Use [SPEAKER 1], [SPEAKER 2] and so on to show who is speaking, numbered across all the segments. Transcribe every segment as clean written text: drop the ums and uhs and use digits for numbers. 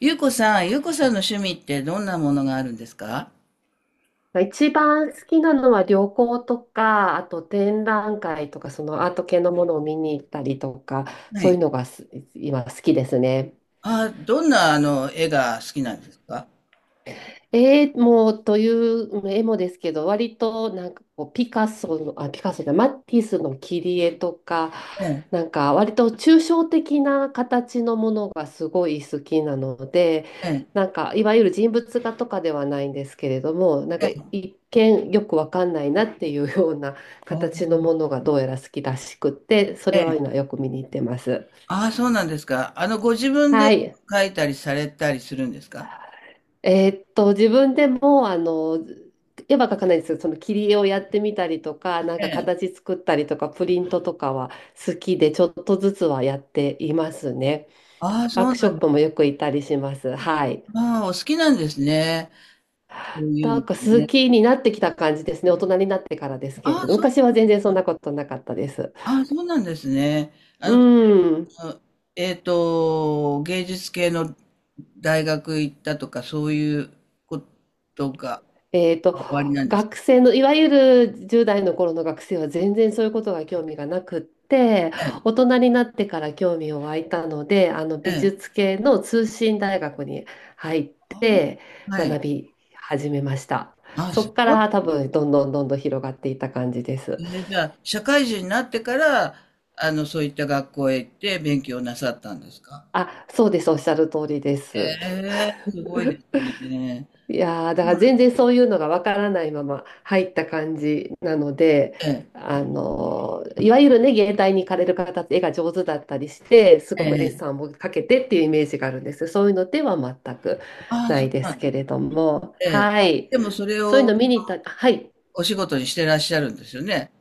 [SPEAKER 1] ゆうこさん、ゆうこさんの趣味ってどんなものがあるんですか？
[SPEAKER 2] 一番好きなのは旅行とか、あと展覧会とか、そのアート系のものを見に行ったりとか、
[SPEAKER 1] は
[SPEAKER 2] そういう
[SPEAKER 1] い。
[SPEAKER 2] のが今好きですね。
[SPEAKER 1] あ、どんな絵が好きなんですか？
[SPEAKER 2] 絵もという絵もですけど、割となんかこうピカソの、あ、ピカソじゃない、マティスの切り絵とか、
[SPEAKER 1] ええ、
[SPEAKER 2] なんか割と抽象的な形のものがすごい好きなので、
[SPEAKER 1] ええ、
[SPEAKER 2] なんかいわゆる人物画とかではないんですけれども、なん
[SPEAKER 1] え
[SPEAKER 2] か
[SPEAKER 1] え。
[SPEAKER 2] 一見よくわかんないなっていうような
[SPEAKER 1] あ
[SPEAKER 2] 形のも
[SPEAKER 1] ー、
[SPEAKER 2] のがどうやら好きらしくって、それ
[SPEAKER 1] え
[SPEAKER 2] は
[SPEAKER 1] え、
[SPEAKER 2] 今よく見に行ってます。
[SPEAKER 1] あー、そうなんですか。あの、ご自分で
[SPEAKER 2] はい。
[SPEAKER 1] 描いたりされたりするんですか？
[SPEAKER 2] 自分でも、絵は描かないんですよ。その切り絵をやってみたりとか、なん
[SPEAKER 1] え
[SPEAKER 2] か
[SPEAKER 1] え。
[SPEAKER 2] 形作ったりとか、プリントとかは好きで、ちょっとずつはやっていますね。
[SPEAKER 1] ああ、
[SPEAKER 2] ワ
[SPEAKER 1] そ
[SPEAKER 2] ー
[SPEAKER 1] う
[SPEAKER 2] クシ
[SPEAKER 1] な
[SPEAKER 2] ョ
[SPEAKER 1] ん
[SPEAKER 2] ッ
[SPEAKER 1] で
[SPEAKER 2] プも
[SPEAKER 1] す。
[SPEAKER 2] よく行ったりします。はい。
[SPEAKER 1] ああ、お好きなんですね。そういう
[SPEAKER 2] な
[SPEAKER 1] の、
[SPEAKER 2] んか好
[SPEAKER 1] ね。
[SPEAKER 2] きになってきた感じですね。大人になってからですけれ
[SPEAKER 1] ああ、
[SPEAKER 2] ど、
[SPEAKER 1] そ
[SPEAKER 2] 昔
[SPEAKER 1] う、
[SPEAKER 2] は全然そんなことなかったです。
[SPEAKER 1] ああ、そうなんですね。あの、
[SPEAKER 2] うん。
[SPEAKER 1] あの、芸術系の大学行ったとか、そういうことが
[SPEAKER 2] えーと、
[SPEAKER 1] あ、終わりなんです
[SPEAKER 2] 学生のいわゆる10代の頃の学生は全然そういうことが興味がなくって
[SPEAKER 1] ね。
[SPEAKER 2] 大人になってから興味を湧いたのであの
[SPEAKER 1] え
[SPEAKER 2] 美
[SPEAKER 1] え。
[SPEAKER 2] 術系の通信大学に入っ
[SPEAKER 1] あ
[SPEAKER 2] て
[SPEAKER 1] あ、はい。
[SPEAKER 2] 学び始めました。
[SPEAKER 1] あ、
[SPEAKER 2] そ
[SPEAKER 1] す
[SPEAKER 2] こか
[SPEAKER 1] ごい
[SPEAKER 2] ら多分どんどんどんどん広がっていった感じです。
[SPEAKER 1] ですね。じゃあ、社会人になってから、あの、そういった学校へ行って勉強なさったんですか？
[SPEAKER 2] あ、そうです。おっしゃる通りで
[SPEAKER 1] え
[SPEAKER 2] す。
[SPEAKER 1] え、すごいですね。
[SPEAKER 2] いやーだから
[SPEAKER 1] まあ、
[SPEAKER 2] 全然そういうのがわからないまま入った感じなので、
[SPEAKER 1] え
[SPEAKER 2] いわゆるね、芸大に行かれる方って絵が上手だったりして、す
[SPEAKER 1] え、
[SPEAKER 2] ごくデッ
[SPEAKER 1] ええ。
[SPEAKER 2] サンをかけてっていうイメージがあるんです。そういうのでは全く
[SPEAKER 1] ああ、
[SPEAKER 2] な
[SPEAKER 1] そう
[SPEAKER 2] いで
[SPEAKER 1] な
[SPEAKER 2] す
[SPEAKER 1] ん
[SPEAKER 2] け
[SPEAKER 1] です
[SPEAKER 2] れ
[SPEAKER 1] ね。
[SPEAKER 2] ども、
[SPEAKER 1] ええ。
[SPEAKER 2] はい。
[SPEAKER 1] でもそれ
[SPEAKER 2] そういう
[SPEAKER 1] を
[SPEAKER 2] の見に行った、はい。
[SPEAKER 1] お仕事にしてらっしゃるんですよね？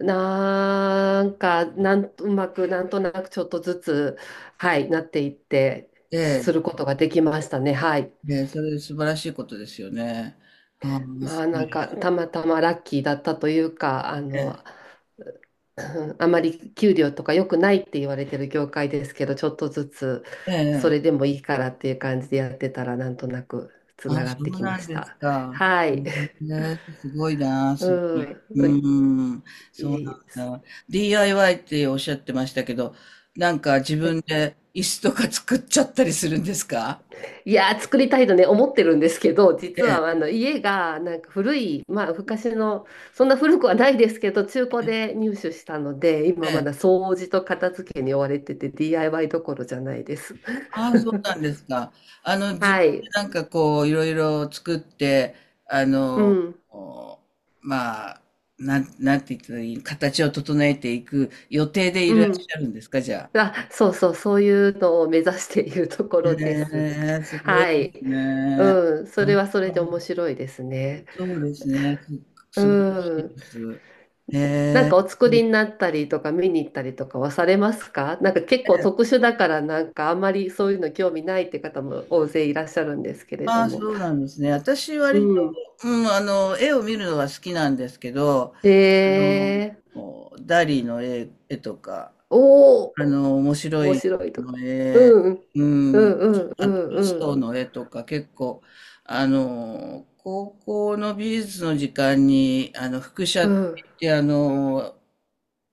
[SPEAKER 2] なんか、うまく、なんとなくちょっとずつ、はい、なっていって、
[SPEAKER 1] え
[SPEAKER 2] するこ
[SPEAKER 1] え。
[SPEAKER 2] とができましたね。はい。
[SPEAKER 1] ええ、それ素晴らしいことですよね。ああ、
[SPEAKER 2] ま
[SPEAKER 1] す
[SPEAKER 2] あ
[SPEAKER 1] ご
[SPEAKER 2] な
[SPEAKER 1] い
[SPEAKER 2] ん
[SPEAKER 1] で
[SPEAKER 2] か
[SPEAKER 1] す
[SPEAKER 2] たまたまラッキーだったというか、
[SPEAKER 1] ね。
[SPEAKER 2] うんあまり給料とか良くないって言われてる業界ですけど、ちょっとずつ
[SPEAKER 1] え
[SPEAKER 2] そ
[SPEAKER 1] え。
[SPEAKER 2] れで
[SPEAKER 1] ええ、
[SPEAKER 2] もいいからっていう感じでやってたらなんとなくつな
[SPEAKER 1] あ、
[SPEAKER 2] がっ
[SPEAKER 1] そ
[SPEAKER 2] て
[SPEAKER 1] う
[SPEAKER 2] き
[SPEAKER 1] な
[SPEAKER 2] ま
[SPEAKER 1] ん
[SPEAKER 2] し
[SPEAKER 1] です
[SPEAKER 2] た。
[SPEAKER 1] か。
[SPEAKER 2] はい。
[SPEAKER 1] ね、すごいな、
[SPEAKER 2] う
[SPEAKER 1] すごい。
[SPEAKER 2] ん。
[SPEAKER 1] うん、
[SPEAKER 2] い
[SPEAKER 1] そ
[SPEAKER 2] え
[SPEAKER 1] う
[SPEAKER 2] い
[SPEAKER 1] な
[SPEAKER 2] え
[SPEAKER 1] んだ。DIY っておっしゃってましたけど、なんか自分で椅子とか作っちゃったりするんですか？
[SPEAKER 2] いやー、作りたいとね、思ってるんですけど、実
[SPEAKER 1] え
[SPEAKER 2] は
[SPEAKER 1] え、
[SPEAKER 2] あの家がなんか古い、まあ、昔の、そんな古くはないですけど、中古で入手したので、今
[SPEAKER 1] え
[SPEAKER 2] まだ
[SPEAKER 1] え。
[SPEAKER 2] 掃除と片付けに追われてて、DIY どころじゃないです。
[SPEAKER 1] ああ、そうなん ですか。あの、自分
[SPEAKER 2] は
[SPEAKER 1] で
[SPEAKER 2] い。
[SPEAKER 1] なんかこう、いろいろ作って、あ
[SPEAKER 2] う
[SPEAKER 1] の、
[SPEAKER 2] ん。
[SPEAKER 1] お、まあ、なん、なんて言ったらいい、形を整えていく予定でい
[SPEAKER 2] う
[SPEAKER 1] らっし
[SPEAKER 2] ん。
[SPEAKER 1] ゃるんですか、じゃあ。
[SPEAKER 2] あ、そうそう、そういうのを目指しているとこ
[SPEAKER 1] へ
[SPEAKER 2] ろです。
[SPEAKER 1] え、すごい
[SPEAKER 2] は
[SPEAKER 1] で
[SPEAKER 2] い。
[SPEAKER 1] すね。
[SPEAKER 2] うん。そ
[SPEAKER 1] や
[SPEAKER 2] れ
[SPEAKER 1] っ
[SPEAKER 2] はそれ
[SPEAKER 1] ぱ、
[SPEAKER 2] で面白いですね。
[SPEAKER 1] そうですね、す
[SPEAKER 2] う
[SPEAKER 1] 素晴らしい
[SPEAKER 2] ん。
[SPEAKER 1] です。へ
[SPEAKER 2] なん
[SPEAKER 1] え。
[SPEAKER 2] かお作りになったりとか見に行ったりとかはされますか、なんか結構
[SPEAKER 1] で、
[SPEAKER 2] 特殊だからなんかあんまりそういうの興味ないって方も大勢いらっしゃるんですけれ
[SPEAKER 1] あ
[SPEAKER 2] ど
[SPEAKER 1] あ、
[SPEAKER 2] も。
[SPEAKER 1] そうなんですね。私
[SPEAKER 2] う
[SPEAKER 1] 割と、
[SPEAKER 2] ん。
[SPEAKER 1] うん、あの、絵を見るのが好きなんですけど、
[SPEAKER 2] え
[SPEAKER 1] あの、
[SPEAKER 2] ー、
[SPEAKER 1] ダリの絵、絵とか、
[SPEAKER 2] おお、
[SPEAKER 1] あの、面白
[SPEAKER 2] 面
[SPEAKER 1] い
[SPEAKER 2] 白いとこ。
[SPEAKER 1] の絵、
[SPEAKER 2] うん、うん、
[SPEAKER 1] うん。
[SPEAKER 2] うん、う
[SPEAKER 1] あと、ル
[SPEAKER 2] ん、う
[SPEAKER 1] ソ
[SPEAKER 2] ん、
[SPEAKER 1] ーの絵とか結構、あの、高校の美術の時間に、あの、複写
[SPEAKER 2] う
[SPEAKER 1] って
[SPEAKER 2] ん。うん
[SPEAKER 1] 言って、あの、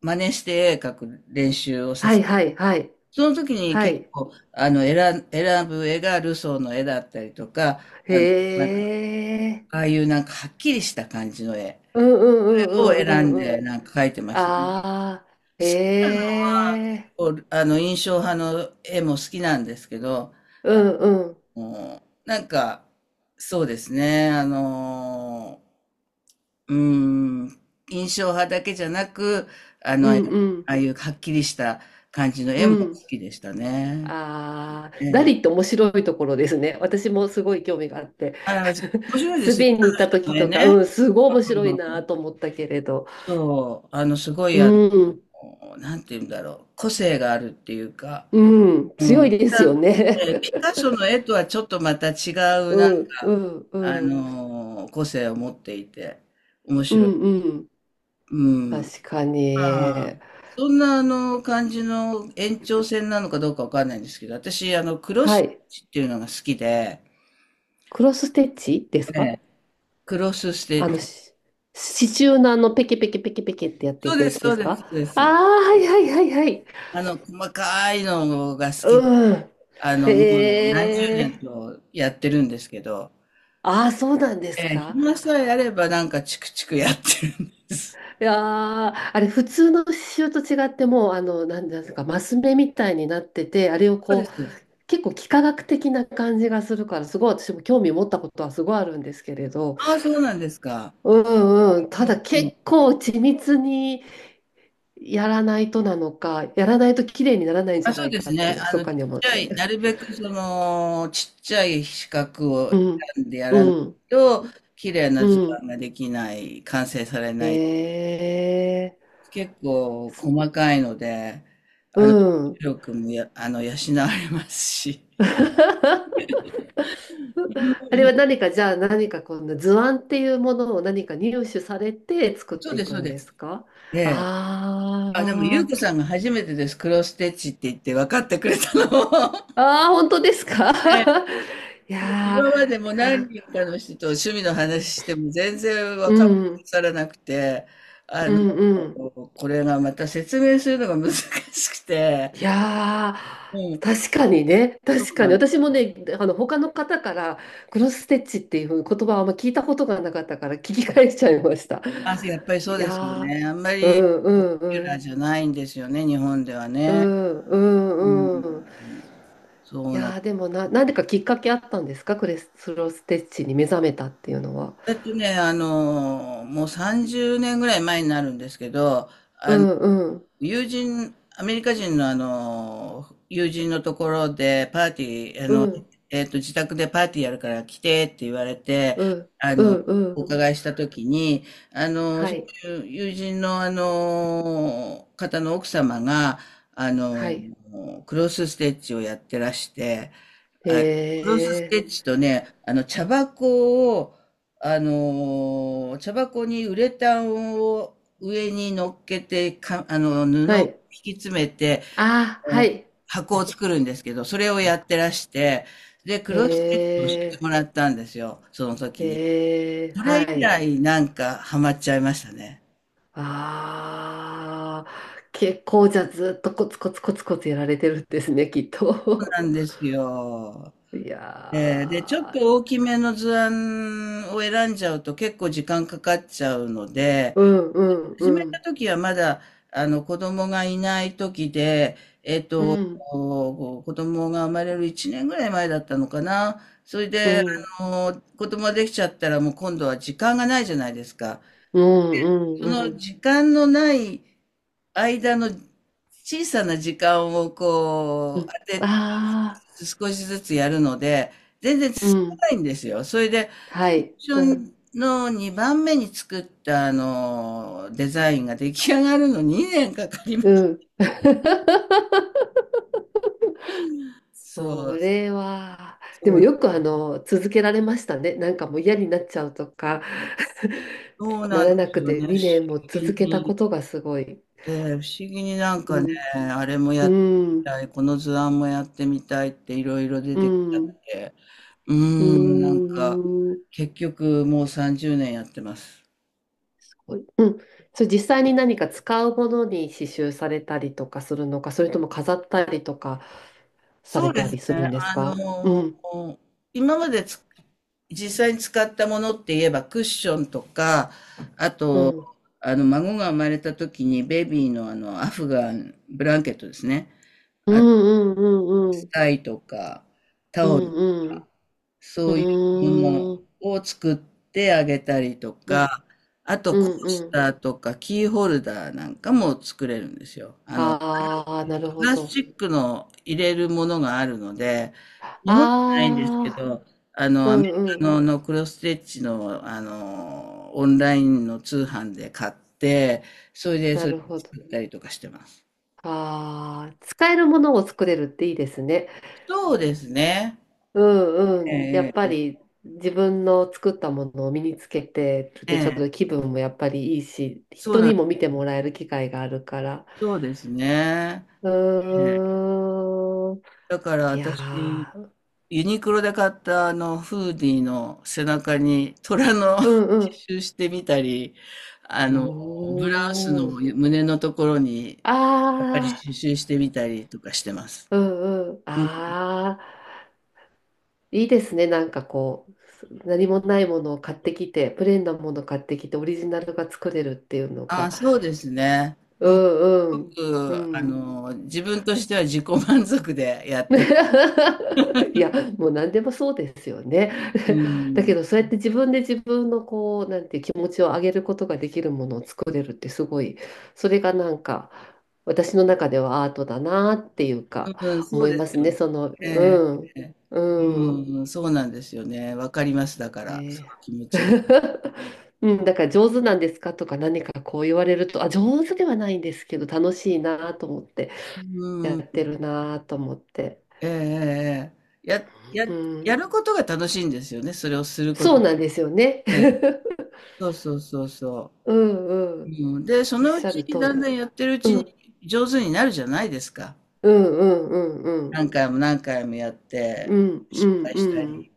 [SPEAKER 1] 真似して絵描く練習をさ
[SPEAKER 2] は
[SPEAKER 1] せ
[SPEAKER 2] い
[SPEAKER 1] る。
[SPEAKER 2] はい、はい、
[SPEAKER 1] その時に
[SPEAKER 2] は
[SPEAKER 1] 結
[SPEAKER 2] い。
[SPEAKER 1] 構、あの、選ん、選ぶ絵がルソーの絵だったりとか、
[SPEAKER 2] へ
[SPEAKER 1] あの、なんか、
[SPEAKER 2] え、
[SPEAKER 1] ああいうなんかはっきりした感じの絵
[SPEAKER 2] うんう
[SPEAKER 1] を
[SPEAKER 2] んうんう
[SPEAKER 1] 選
[SPEAKER 2] ん
[SPEAKER 1] ん
[SPEAKER 2] うんう
[SPEAKER 1] で
[SPEAKER 2] ん。
[SPEAKER 1] なんか描いてましたね。
[SPEAKER 2] ああ、へえ、
[SPEAKER 1] こう、あの、印象派の絵も好きなんですけど、
[SPEAKER 2] うんうん、
[SPEAKER 1] もう、なんか、そうですね、ー、うーん、印象派だけじゃなく、あ
[SPEAKER 2] う
[SPEAKER 1] の、あ
[SPEAKER 2] んうん、
[SPEAKER 1] あいうはっきりした感じの絵
[SPEAKER 2] う
[SPEAKER 1] も好
[SPEAKER 2] ん。
[SPEAKER 1] きでしたね。
[SPEAKER 2] ああ、
[SPEAKER 1] え
[SPEAKER 2] ダリって
[SPEAKER 1] え。
[SPEAKER 2] 面白いところですね。私もすごい興味があって。
[SPEAKER 1] あの、面 白いで
[SPEAKER 2] ス
[SPEAKER 1] すね、
[SPEAKER 2] ペインに行った
[SPEAKER 1] 彼人
[SPEAKER 2] 時
[SPEAKER 1] の絵
[SPEAKER 2] とか、う
[SPEAKER 1] ね。
[SPEAKER 2] ん、すごい面白い
[SPEAKER 1] う
[SPEAKER 2] な
[SPEAKER 1] ん、
[SPEAKER 2] と思ったけれど。
[SPEAKER 1] そう、あの、すご
[SPEAKER 2] う
[SPEAKER 1] い、あ
[SPEAKER 2] ん、
[SPEAKER 1] の、なんて言うんだろう、個性があるっていうか、
[SPEAKER 2] うん、
[SPEAKER 1] う
[SPEAKER 2] 強い
[SPEAKER 1] ん。
[SPEAKER 2] ですよね。
[SPEAKER 1] ピカソの絵とはちょっとまた違う、
[SPEAKER 2] う
[SPEAKER 1] なんか、
[SPEAKER 2] ん、うん、うん、
[SPEAKER 1] 個性を持っていて、面
[SPEAKER 2] う
[SPEAKER 1] 白い。
[SPEAKER 2] ん、うん。
[SPEAKER 1] うん。ま
[SPEAKER 2] 確か
[SPEAKER 1] あ、
[SPEAKER 2] に。
[SPEAKER 1] そんなあの感じの延長線なのかどうかわかんないんですけど、私、あの、クロスス
[SPEAKER 2] は
[SPEAKER 1] テッ
[SPEAKER 2] い。
[SPEAKER 1] チっていうのが好きで、
[SPEAKER 2] クロスステッチです
[SPEAKER 1] え
[SPEAKER 2] か？
[SPEAKER 1] え、クロスステ
[SPEAKER 2] あ
[SPEAKER 1] ッ
[SPEAKER 2] の、
[SPEAKER 1] チ。
[SPEAKER 2] し刺繍のあの、ペケペケペケペケってやって
[SPEAKER 1] そ
[SPEAKER 2] い
[SPEAKER 1] う
[SPEAKER 2] く
[SPEAKER 1] で
[SPEAKER 2] や
[SPEAKER 1] す、
[SPEAKER 2] つで
[SPEAKER 1] そう
[SPEAKER 2] す
[SPEAKER 1] です、
[SPEAKER 2] か？
[SPEAKER 1] そうで
[SPEAKER 2] ああー、
[SPEAKER 1] す。
[SPEAKER 2] はいはいはいはい。
[SPEAKER 1] あの、細かいのが好きで、
[SPEAKER 2] うん。
[SPEAKER 1] あの、も
[SPEAKER 2] へ
[SPEAKER 1] う何十年
[SPEAKER 2] え。
[SPEAKER 1] とやってるんですけど、
[SPEAKER 2] ああ、そうなんです
[SPEAKER 1] ええ、
[SPEAKER 2] か。
[SPEAKER 1] 暇さえあればなんかチクチクやってるんです。
[SPEAKER 2] いやー、あれ、普通の刺繍と違って、もう、あの、なんなんですか、マス目みたいになってて、あれを
[SPEAKER 1] そう
[SPEAKER 2] こう、
[SPEAKER 1] です。
[SPEAKER 2] 結構幾何学的な感じがするから、すごい私も興味持ったことはすごいあるんですけれど、
[SPEAKER 1] ああ、そうなんですか。
[SPEAKER 2] うんうん、ただ結構緻密にやらないとなのか、やらないと綺麗にならないんじ
[SPEAKER 1] あ、
[SPEAKER 2] ゃな
[SPEAKER 1] そう
[SPEAKER 2] い
[SPEAKER 1] で
[SPEAKER 2] か
[SPEAKER 1] す
[SPEAKER 2] って、
[SPEAKER 1] ね。あ
[SPEAKER 2] 密
[SPEAKER 1] の、ち
[SPEAKER 2] かに
[SPEAKER 1] っ
[SPEAKER 2] 思っ
[SPEAKER 1] ちゃ
[SPEAKER 2] て。
[SPEAKER 1] い、なるべくその、ちっちゃい四角 を
[SPEAKER 2] うん、
[SPEAKER 1] 選んでや
[SPEAKER 2] う
[SPEAKER 1] らない
[SPEAKER 2] ん、
[SPEAKER 1] と、綺麗な
[SPEAKER 2] う
[SPEAKER 1] 図
[SPEAKER 2] ん。
[SPEAKER 1] 案ができない、完成されない。
[SPEAKER 2] へえ
[SPEAKER 1] 結構
[SPEAKER 2] ー、す
[SPEAKER 1] 細かいので、
[SPEAKER 2] う
[SPEAKER 1] あの、
[SPEAKER 2] ん。
[SPEAKER 1] 力もや、あの、養われますし。う ん、
[SPEAKER 2] あれは何か、じゃあ何かこんな図案っていうものを何か入手されて作っ
[SPEAKER 1] そう
[SPEAKER 2] て
[SPEAKER 1] で
[SPEAKER 2] い
[SPEAKER 1] す、そ
[SPEAKER 2] く
[SPEAKER 1] う
[SPEAKER 2] ん
[SPEAKER 1] で
[SPEAKER 2] で
[SPEAKER 1] す。
[SPEAKER 2] すか？
[SPEAKER 1] ええ。あ、でも、ゆう
[SPEAKER 2] あ
[SPEAKER 1] こさん
[SPEAKER 2] ー、
[SPEAKER 1] が初めてです。クロスステッチって言って分かってくれたのも。
[SPEAKER 2] あー、本当ですか？
[SPEAKER 1] ええ、
[SPEAKER 2] いや
[SPEAKER 1] 今までも
[SPEAKER 2] ー、なん
[SPEAKER 1] 何
[SPEAKER 2] か
[SPEAKER 1] 人かの人と趣味の話しても全然
[SPEAKER 2] う
[SPEAKER 1] 分から
[SPEAKER 2] ん、
[SPEAKER 1] さなくて、あ
[SPEAKER 2] う
[SPEAKER 1] の、
[SPEAKER 2] ん、うん。
[SPEAKER 1] これがまた説明するのが難しくて、
[SPEAKER 2] いや
[SPEAKER 1] う
[SPEAKER 2] ー、
[SPEAKER 1] ん、
[SPEAKER 2] 確かにね、
[SPEAKER 1] そ
[SPEAKER 2] 確
[SPEAKER 1] う
[SPEAKER 2] か
[SPEAKER 1] な
[SPEAKER 2] に。
[SPEAKER 1] んです。
[SPEAKER 2] 私もね、あの、他の方から、クロスステッチっていう言葉はあんま聞いたことがなかったから聞き返しちゃいました。
[SPEAKER 1] あ、やっぱりそ
[SPEAKER 2] い
[SPEAKER 1] うですよ
[SPEAKER 2] や
[SPEAKER 1] ね。あんま
[SPEAKER 2] ー、う
[SPEAKER 1] り
[SPEAKER 2] ん、う
[SPEAKER 1] ポ
[SPEAKER 2] ん、
[SPEAKER 1] ピュ
[SPEAKER 2] う
[SPEAKER 1] ラー
[SPEAKER 2] ん、
[SPEAKER 1] じゃないんですよね、日本では
[SPEAKER 2] う
[SPEAKER 1] ね。
[SPEAKER 2] ん、う
[SPEAKER 1] うん、
[SPEAKER 2] ん、うん。
[SPEAKER 1] そ
[SPEAKER 2] い
[SPEAKER 1] うなん
[SPEAKER 2] やーでもな、なんでかきっかけあったんですか、クレスロステッチに目覚めたっていうのは。
[SPEAKER 1] だ。ってね、あの、もう30年ぐらい前になるんですけど、
[SPEAKER 2] うんうん
[SPEAKER 1] 友人、アメリカ人のあの、友人のところでパーティー、あ
[SPEAKER 2] う
[SPEAKER 1] の、
[SPEAKER 2] ん
[SPEAKER 1] えっと、自宅でパーティーやるから来てって言われて、
[SPEAKER 2] うん
[SPEAKER 1] あ
[SPEAKER 2] う
[SPEAKER 1] の、
[SPEAKER 2] んう
[SPEAKER 1] お
[SPEAKER 2] ん
[SPEAKER 1] 伺いしたときに、あの、
[SPEAKER 2] は
[SPEAKER 1] そ
[SPEAKER 2] い
[SPEAKER 1] ういう友人のあの、方の奥様が、あ
[SPEAKER 2] は
[SPEAKER 1] の、
[SPEAKER 2] い
[SPEAKER 1] クロスステッチをやってらして、あ、クロスス
[SPEAKER 2] え
[SPEAKER 1] テッチとね、あの、茶箱を、あのー、茶箱にウレタンを上に乗っけて、か、あの、布
[SPEAKER 2] ー、
[SPEAKER 1] を
[SPEAKER 2] はい
[SPEAKER 1] 引き詰めて、
[SPEAKER 2] あー
[SPEAKER 1] あ
[SPEAKER 2] は
[SPEAKER 1] の、
[SPEAKER 2] い
[SPEAKER 1] 箱を作るんですけど、それをやってらして、で、クロスステッチを教えて
[SPEAKER 2] え
[SPEAKER 1] もらったんですよ、その時
[SPEAKER 2] ー、
[SPEAKER 1] に。
[SPEAKER 2] えー、
[SPEAKER 1] それ
[SPEAKER 2] は
[SPEAKER 1] 以
[SPEAKER 2] い
[SPEAKER 1] 来、なんか、ハマっちゃいましたね。
[SPEAKER 2] あー結構じゃあずっとコツコツコツコツやられてるんですねきっ
[SPEAKER 1] そう
[SPEAKER 2] と。
[SPEAKER 1] なんですよ。
[SPEAKER 2] い
[SPEAKER 1] で、で、ちょっ
[SPEAKER 2] や
[SPEAKER 1] と大きめの図案を選んじゃうと結構時間かかっちゃうので、
[SPEAKER 2] ーうんうん
[SPEAKER 1] 始め
[SPEAKER 2] う
[SPEAKER 1] た
[SPEAKER 2] ん
[SPEAKER 1] 時はまだ、あの、子供がいない時で、えっ
[SPEAKER 2] う
[SPEAKER 1] と、
[SPEAKER 2] ん
[SPEAKER 1] こう子供が生まれる1年ぐらい前だったのかな。それ
[SPEAKER 2] う
[SPEAKER 1] で、
[SPEAKER 2] ん
[SPEAKER 1] あの、子供ができちゃったらもう今度は時間がないじゃないですか。
[SPEAKER 2] うんう
[SPEAKER 1] そ
[SPEAKER 2] んう
[SPEAKER 1] の
[SPEAKER 2] ん
[SPEAKER 1] 時間のない間の小さな時間を
[SPEAKER 2] う
[SPEAKER 1] こう、
[SPEAKER 2] ん。
[SPEAKER 1] 当てて、
[SPEAKER 2] ああ、
[SPEAKER 1] 少しずつやるので、全然
[SPEAKER 2] う
[SPEAKER 1] 進
[SPEAKER 2] ん。
[SPEAKER 1] まないんですよ。それで、
[SPEAKER 2] はい。う
[SPEAKER 1] 最初
[SPEAKER 2] ん。
[SPEAKER 1] の2番目に作ったあの、デザインが出来上がるの2年かかりま
[SPEAKER 2] う
[SPEAKER 1] した。
[SPEAKER 2] ん。
[SPEAKER 1] そ
[SPEAKER 2] そ
[SPEAKER 1] う、
[SPEAKER 2] れは、で
[SPEAKER 1] そ
[SPEAKER 2] も
[SPEAKER 1] う、
[SPEAKER 2] よくあの、続けられましたね。なんかもう嫌になっちゃうとか、
[SPEAKER 1] そう
[SPEAKER 2] な
[SPEAKER 1] なんで
[SPEAKER 2] らな
[SPEAKER 1] す
[SPEAKER 2] く
[SPEAKER 1] よ
[SPEAKER 2] て
[SPEAKER 1] ね。不思
[SPEAKER 2] 2年も続
[SPEAKER 1] 議
[SPEAKER 2] けた
[SPEAKER 1] に、
[SPEAKER 2] ことがすごい。
[SPEAKER 1] 不思議になん
[SPEAKER 2] う
[SPEAKER 1] かね、
[SPEAKER 2] ん。
[SPEAKER 1] あれも
[SPEAKER 2] う
[SPEAKER 1] やってみ
[SPEAKER 2] ん。
[SPEAKER 1] たい、この図案もやってみたいっていろいろ出
[SPEAKER 2] う
[SPEAKER 1] てきちゃ
[SPEAKER 2] ん。
[SPEAKER 1] って。うー
[SPEAKER 2] う
[SPEAKER 1] ん、なんか、
[SPEAKER 2] ん。
[SPEAKER 1] 結局もう30年やってます。
[SPEAKER 2] うん。それ実際に何か使うものに刺繍されたりとかするのか、それとも飾ったりとかさ
[SPEAKER 1] そ
[SPEAKER 2] れ
[SPEAKER 1] うで
[SPEAKER 2] た
[SPEAKER 1] す
[SPEAKER 2] りする
[SPEAKER 1] ね。
[SPEAKER 2] んですか？うん。
[SPEAKER 1] ー今までつ実際に使ったものって言えばクッションとか、あ
[SPEAKER 2] う
[SPEAKER 1] と、
[SPEAKER 2] ん。
[SPEAKER 1] あの、孫が生まれた時にベビーのあの、アフガン、ブランケットですね。
[SPEAKER 2] う
[SPEAKER 1] あと、
[SPEAKER 2] んうんうんう
[SPEAKER 1] ス
[SPEAKER 2] ん。
[SPEAKER 1] タイとか、
[SPEAKER 2] う
[SPEAKER 1] タオル、
[SPEAKER 2] んうん。
[SPEAKER 1] そういうもの
[SPEAKER 2] うーん。
[SPEAKER 1] を作ってあげたりと
[SPEAKER 2] うん。
[SPEAKER 1] か、あと、
[SPEAKER 2] う
[SPEAKER 1] コー
[SPEAKER 2] んう
[SPEAKER 1] ス
[SPEAKER 2] ん。
[SPEAKER 1] ターとかキーホルダーなんかも作れるんですよ。あの、
[SPEAKER 2] ああ、なる
[SPEAKER 1] プ
[SPEAKER 2] ほ
[SPEAKER 1] ラスチ
[SPEAKER 2] ど。
[SPEAKER 1] ックの入れるものがあるので、
[SPEAKER 2] あ
[SPEAKER 1] 日本じゃないんですけ
[SPEAKER 2] あ、
[SPEAKER 1] ど、あの、
[SPEAKER 2] う
[SPEAKER 1] アメリ
[SPEAKER 2] んう
[SPEAKER 1] カ
[SPEAKER 2] ん。
[SPEAKER 1] の、のクロスステッチの、あの、オンラインの通販で買って、それで、
[SPEAKER 2] な
[SPEAKER 1] それ
[SPEAKER 2] るほど。
[SPEAKER 1] 作ったりとかしてます。
[SPEAKER 2] ああ、使えるものを作れるっていいですね。
[SPEAKER 1] そうですね。
[SPEAKER 2] うん
[SPEAKER 1] え
[SPEAKER 2] うん。やっ
[SPEAKER 1] え、
[SPEAKER 2] ぱ
[SPEAKER 1] ええ、
[SPEAKER 2] り自分の作ったものを身につけてるっ
[SPEAKER 1] え
[SPEAKER 2] てちょっと
[SPEAKER 1] え、
[SPEAKER 2] 気分もやっぱりいいし、
[SPEAKER 1] そう
[SPEAKER 2] 人
[SPEAKER 1] な
[SPEAKER 2] に
[SPEAKER 1] ん、
[SPEAKER 2] も見てもらえる機会があるから。
[SPEAKER 1] そうですね。
[SPEAKER 2] うーん。
[SPEAKER 1] だから
[SPEAKER 2] い
[SPEAKER 1] 私、
[SPEAKER 2] やー、
[SPEAKER 1] ユニクロで買ったあのフーディーの背中に虎の 刺
[SPEAKER 2] うんう
[SPEAKER 1] 繍してみたり、あの、
[SPEAKER 2] ん。
[SPEAKER 1] ブラウスの
[SPEAKER 2] おー。
[SPEAKER 1] 胸のところにやっぱり
[SPEAKER 2] あ
[SPEAKER 1] 刺
[SPEAKER 2] あ。
[SPEAKER 1] 繍してみたりとかしてます。
[SPEAKER 2] うんうん。
[SPEAKER 1] うん、
[SPEAKER 2] ああ、いいですね。なんかこう、何もないものを買ってきて、プレーンなものを買ってきて、オリジナルが作れるっていうの
[SPEAKER 1] あ、
[SPEAKER 2] が。
[SPEAKER 1] そうですね。
[SPEAKER 2] う
[SPEAKER 1] うん、すご
[SPEAKER 2] んう
[SPEAKER 1] く、あ
[SPEAKER 2] ん。うん。
[SPEAKER 1] の、自分としては自己満足でやってます。
[SPEAKER 2] いや、もう何でもそうですよね。
[SPEAKER 1] う
[SPEAKER 2] だ
[SPEAKER 1] ん、
[SPEAKER 2] けど、そうやって自分で自分のこう、なんていう気持ちを上げることができるものを作れるってすごい、それがなんか、私の中ではアートだなっていうか、
[SPEAKER 1] うん、そ
[SPEAKER 2] 思
[SPEAKER 1] う
[SPEAKER 2] い
[SPEAKER 1] で
[SPEAKER 2] ま
[SPEAKER 1] す
[SPEAKER 2] す
[SPEAKER 1] よ
[SPEAKER 2] ね。
[SPEAKER 1] ね。
[SPEAKER 2] その、
[SPEAKER 1] ええ、
[SPEAKER 2] うん、
[SPEAKER 1] ええ、
[SPEAKER 2] うん。
[SPEAKER 1] うん、そうなんですよね。わかります。だから、そ
[SPEAKER 2] ね
[SPEAKER 1] の気持ちが。
[SPEAKER 2] え。 うん、だから上手なんですかとか何かこう言われると、あ、上手ではないんですけど楽しいなと思って、
[SPEAKER 1] う
[SPEAKER 2] やっ
[SPEAKER 1] ん、
[SPEAKER 2] てるなと思って。
[SPEAKER 1] ええ、ええ、ええ、や、
[SPEAKER 2] う
[SPEAKER 1] や、や
[SPEAKER 2] ん、
[SPEAKER 1] ることが楽しいんですよね、それをすること。
[SPEAKER 2] そうなんですよね。
[SPEAKER 1] ええ。そうそうそうそ
[SPEAKER 2] うんう
[SPEAKER 1] う。
[SPEAKER 2] ん。
[SPEAKER 1] うん、で、そ
[SPEAKER 2] おっ
[SPEAKER 1] のう
[SPEAKER 2] しゃ
[SPEAKER 1] ち
[SPEAKER 2] る通
[SPEAKER 1] だん
[SPEAKER 2] り
[SPEAKER 1] だ
[SPEAKER 2] だ。
[SPEAKER 1] んやってるうち
[SPEAKER 2] う
[SPEAKER 1] に
[SPEAKER 2] ん、
[SPEAKER 1] 上手になるじゃないですか。
[SPEAKER 2] うんうんうんうん。
[SPEAKER 1] 何回も何回もやっ
[SPEAKER 2] う
[SPEAKER 1] て、
[SPEAKER 2] んう
[SPEAKER 1] 失
[SPEAKER 2] ん
[SPEAKER 1] 敗した
[SPEAKER 2] う
[SPEAKER 1] り、
[SPEAKER 2] ん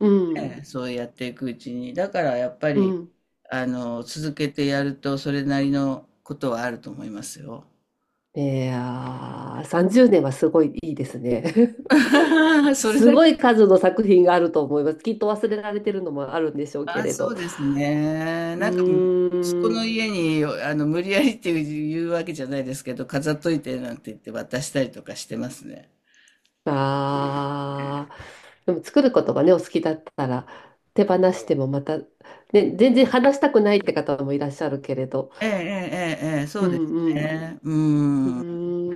[SPEAKER 2] うん。
[SPEAKER 1] ね、そうやっていくうちに。だからやっぱ
[SPEAKER 2] う
[SPEAKER 1] り、
[SPEAKER 2] ん。
[SPEAKER 1] あの、続けてやるとそれなりのことはあると思いますよ。
[SPEAKER 2] いやー、30年はすごいいいですね。
[SPEAKER 1] それ
[SPEAKER 2] す
[SPEAKER 1] だけ、
[SPEAKER 2] ごい数の作品があると思います。きっと忘れられてるのもあるんでしょうけ
[SPEAKER 1] あ、
[SPEAKER 2] れ
[SPEAKER 1] そ
[SPEAKER 2] ど。
[SPEAKER 1] うですね。
[SPEAKER 2] う
[SPEAKER 1] なんか、息子
[SPEAKER 2] ー
[SPEAKER 1] の
[SPEAKER 2] ん。
[SPEAKER 1] 家に、あの、無理やりっていう言うわけじゃないですけど、飾っといてなんて言って渡したりとかしてますね。
[SPEAKER 2] ああ。でも作ることがね、お好きだったら、手放してもまた、ね、全然話したくないって方もいらっしゃるけれど。
[SPEAKER 1] ええ、ええ、ええ、そ
[SPEAKER 2] う
[SPEAKER 1] うです
[SPEAKER 2] ん
[SPEAKER 1] ね。う
[SPEAKER 2] う
[SPEAKER 1] ん。
[SPEAKER 2] ん。う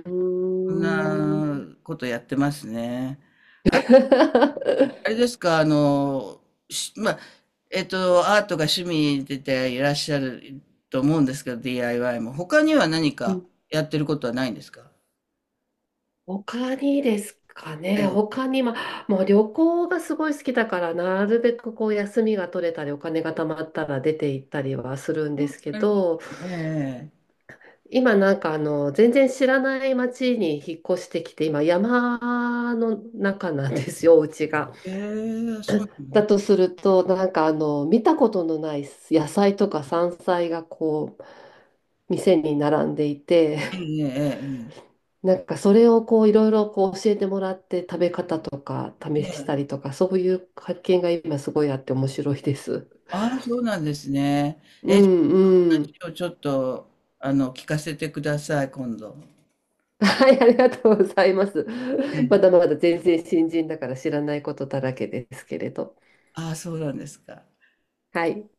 [SPEAKER 1] そ
[SPEAKER 2] ー
[SPEAKER 1] ん
[SPEAKER 2] ん。
[SPEAKER 1] なことやってますね。あと、あれ ですか、あの、し、まあ、えっと、アートが趣味でていらっしゃると思うんですけど、DIY も。他には何
[SPEAKER 2] う
[SPEAKER 1] か
[SPEAKER 2] ん。
[SPEAKER 1] やってることはないんですか？
[SPEAKER 2] 他にですか
[SPEAKER 1] え
[SPEAKER 2] ね。
[SPEAKER 1] え。
[SPEAKER 2] 他に、まあ、もう旅行がすごい好きだから、なるべくこう休みが取れたり、お金が貯まったら出て行ったりはするんですけ
[SPEAKER 1] なるほど、
[SPEAKER 2] ど、
[SPEAKER 1] ええ。
[SPEAKER 2] 今なんかあの、全然知らない町に引っ越してきて、今山の中なんですよ、お家が。
[SPEAKER 1] ええ、そうな
[SPEAKER 2] だ
[SPEAKER 1] んだ。
[SPEAKER 2] とすると、なんかあの、見たことのない野菜とか山菜がこう、店に並んでいて、
[SPEAKER 1] ええ、ええ、
[SPEAKER 2] なんかそれをこう、いろいろこう教えてもらって食べ方とか試
[SPEAKER 1] ええ、
[SPEAKER 2] し
[SPEAKER 1] え
[SPEAKER 2] た
[SPEAKER 1] え。
[SPEAKER 2] りとか、そういう発見が今すごいあって面白いです。
[SPEAKER 1] ああ、そうなんですね。
[SPEAKER 2] うんうん。
[SPEAKER 1] 今日ちょっと、あの、聞かせてください、今度。
[SPEAKER 2] はい、ありがとうございます。
[SPEAKER 1] え
[SPEAKER 2] ま
[SPEAKER 1] え。
[SPEAKER 2] だまだ全然新人だから知らないことだらけですけれど。
[SPEAKER 1] ああ、そうなんですか。
[SPEAKER 2] はい。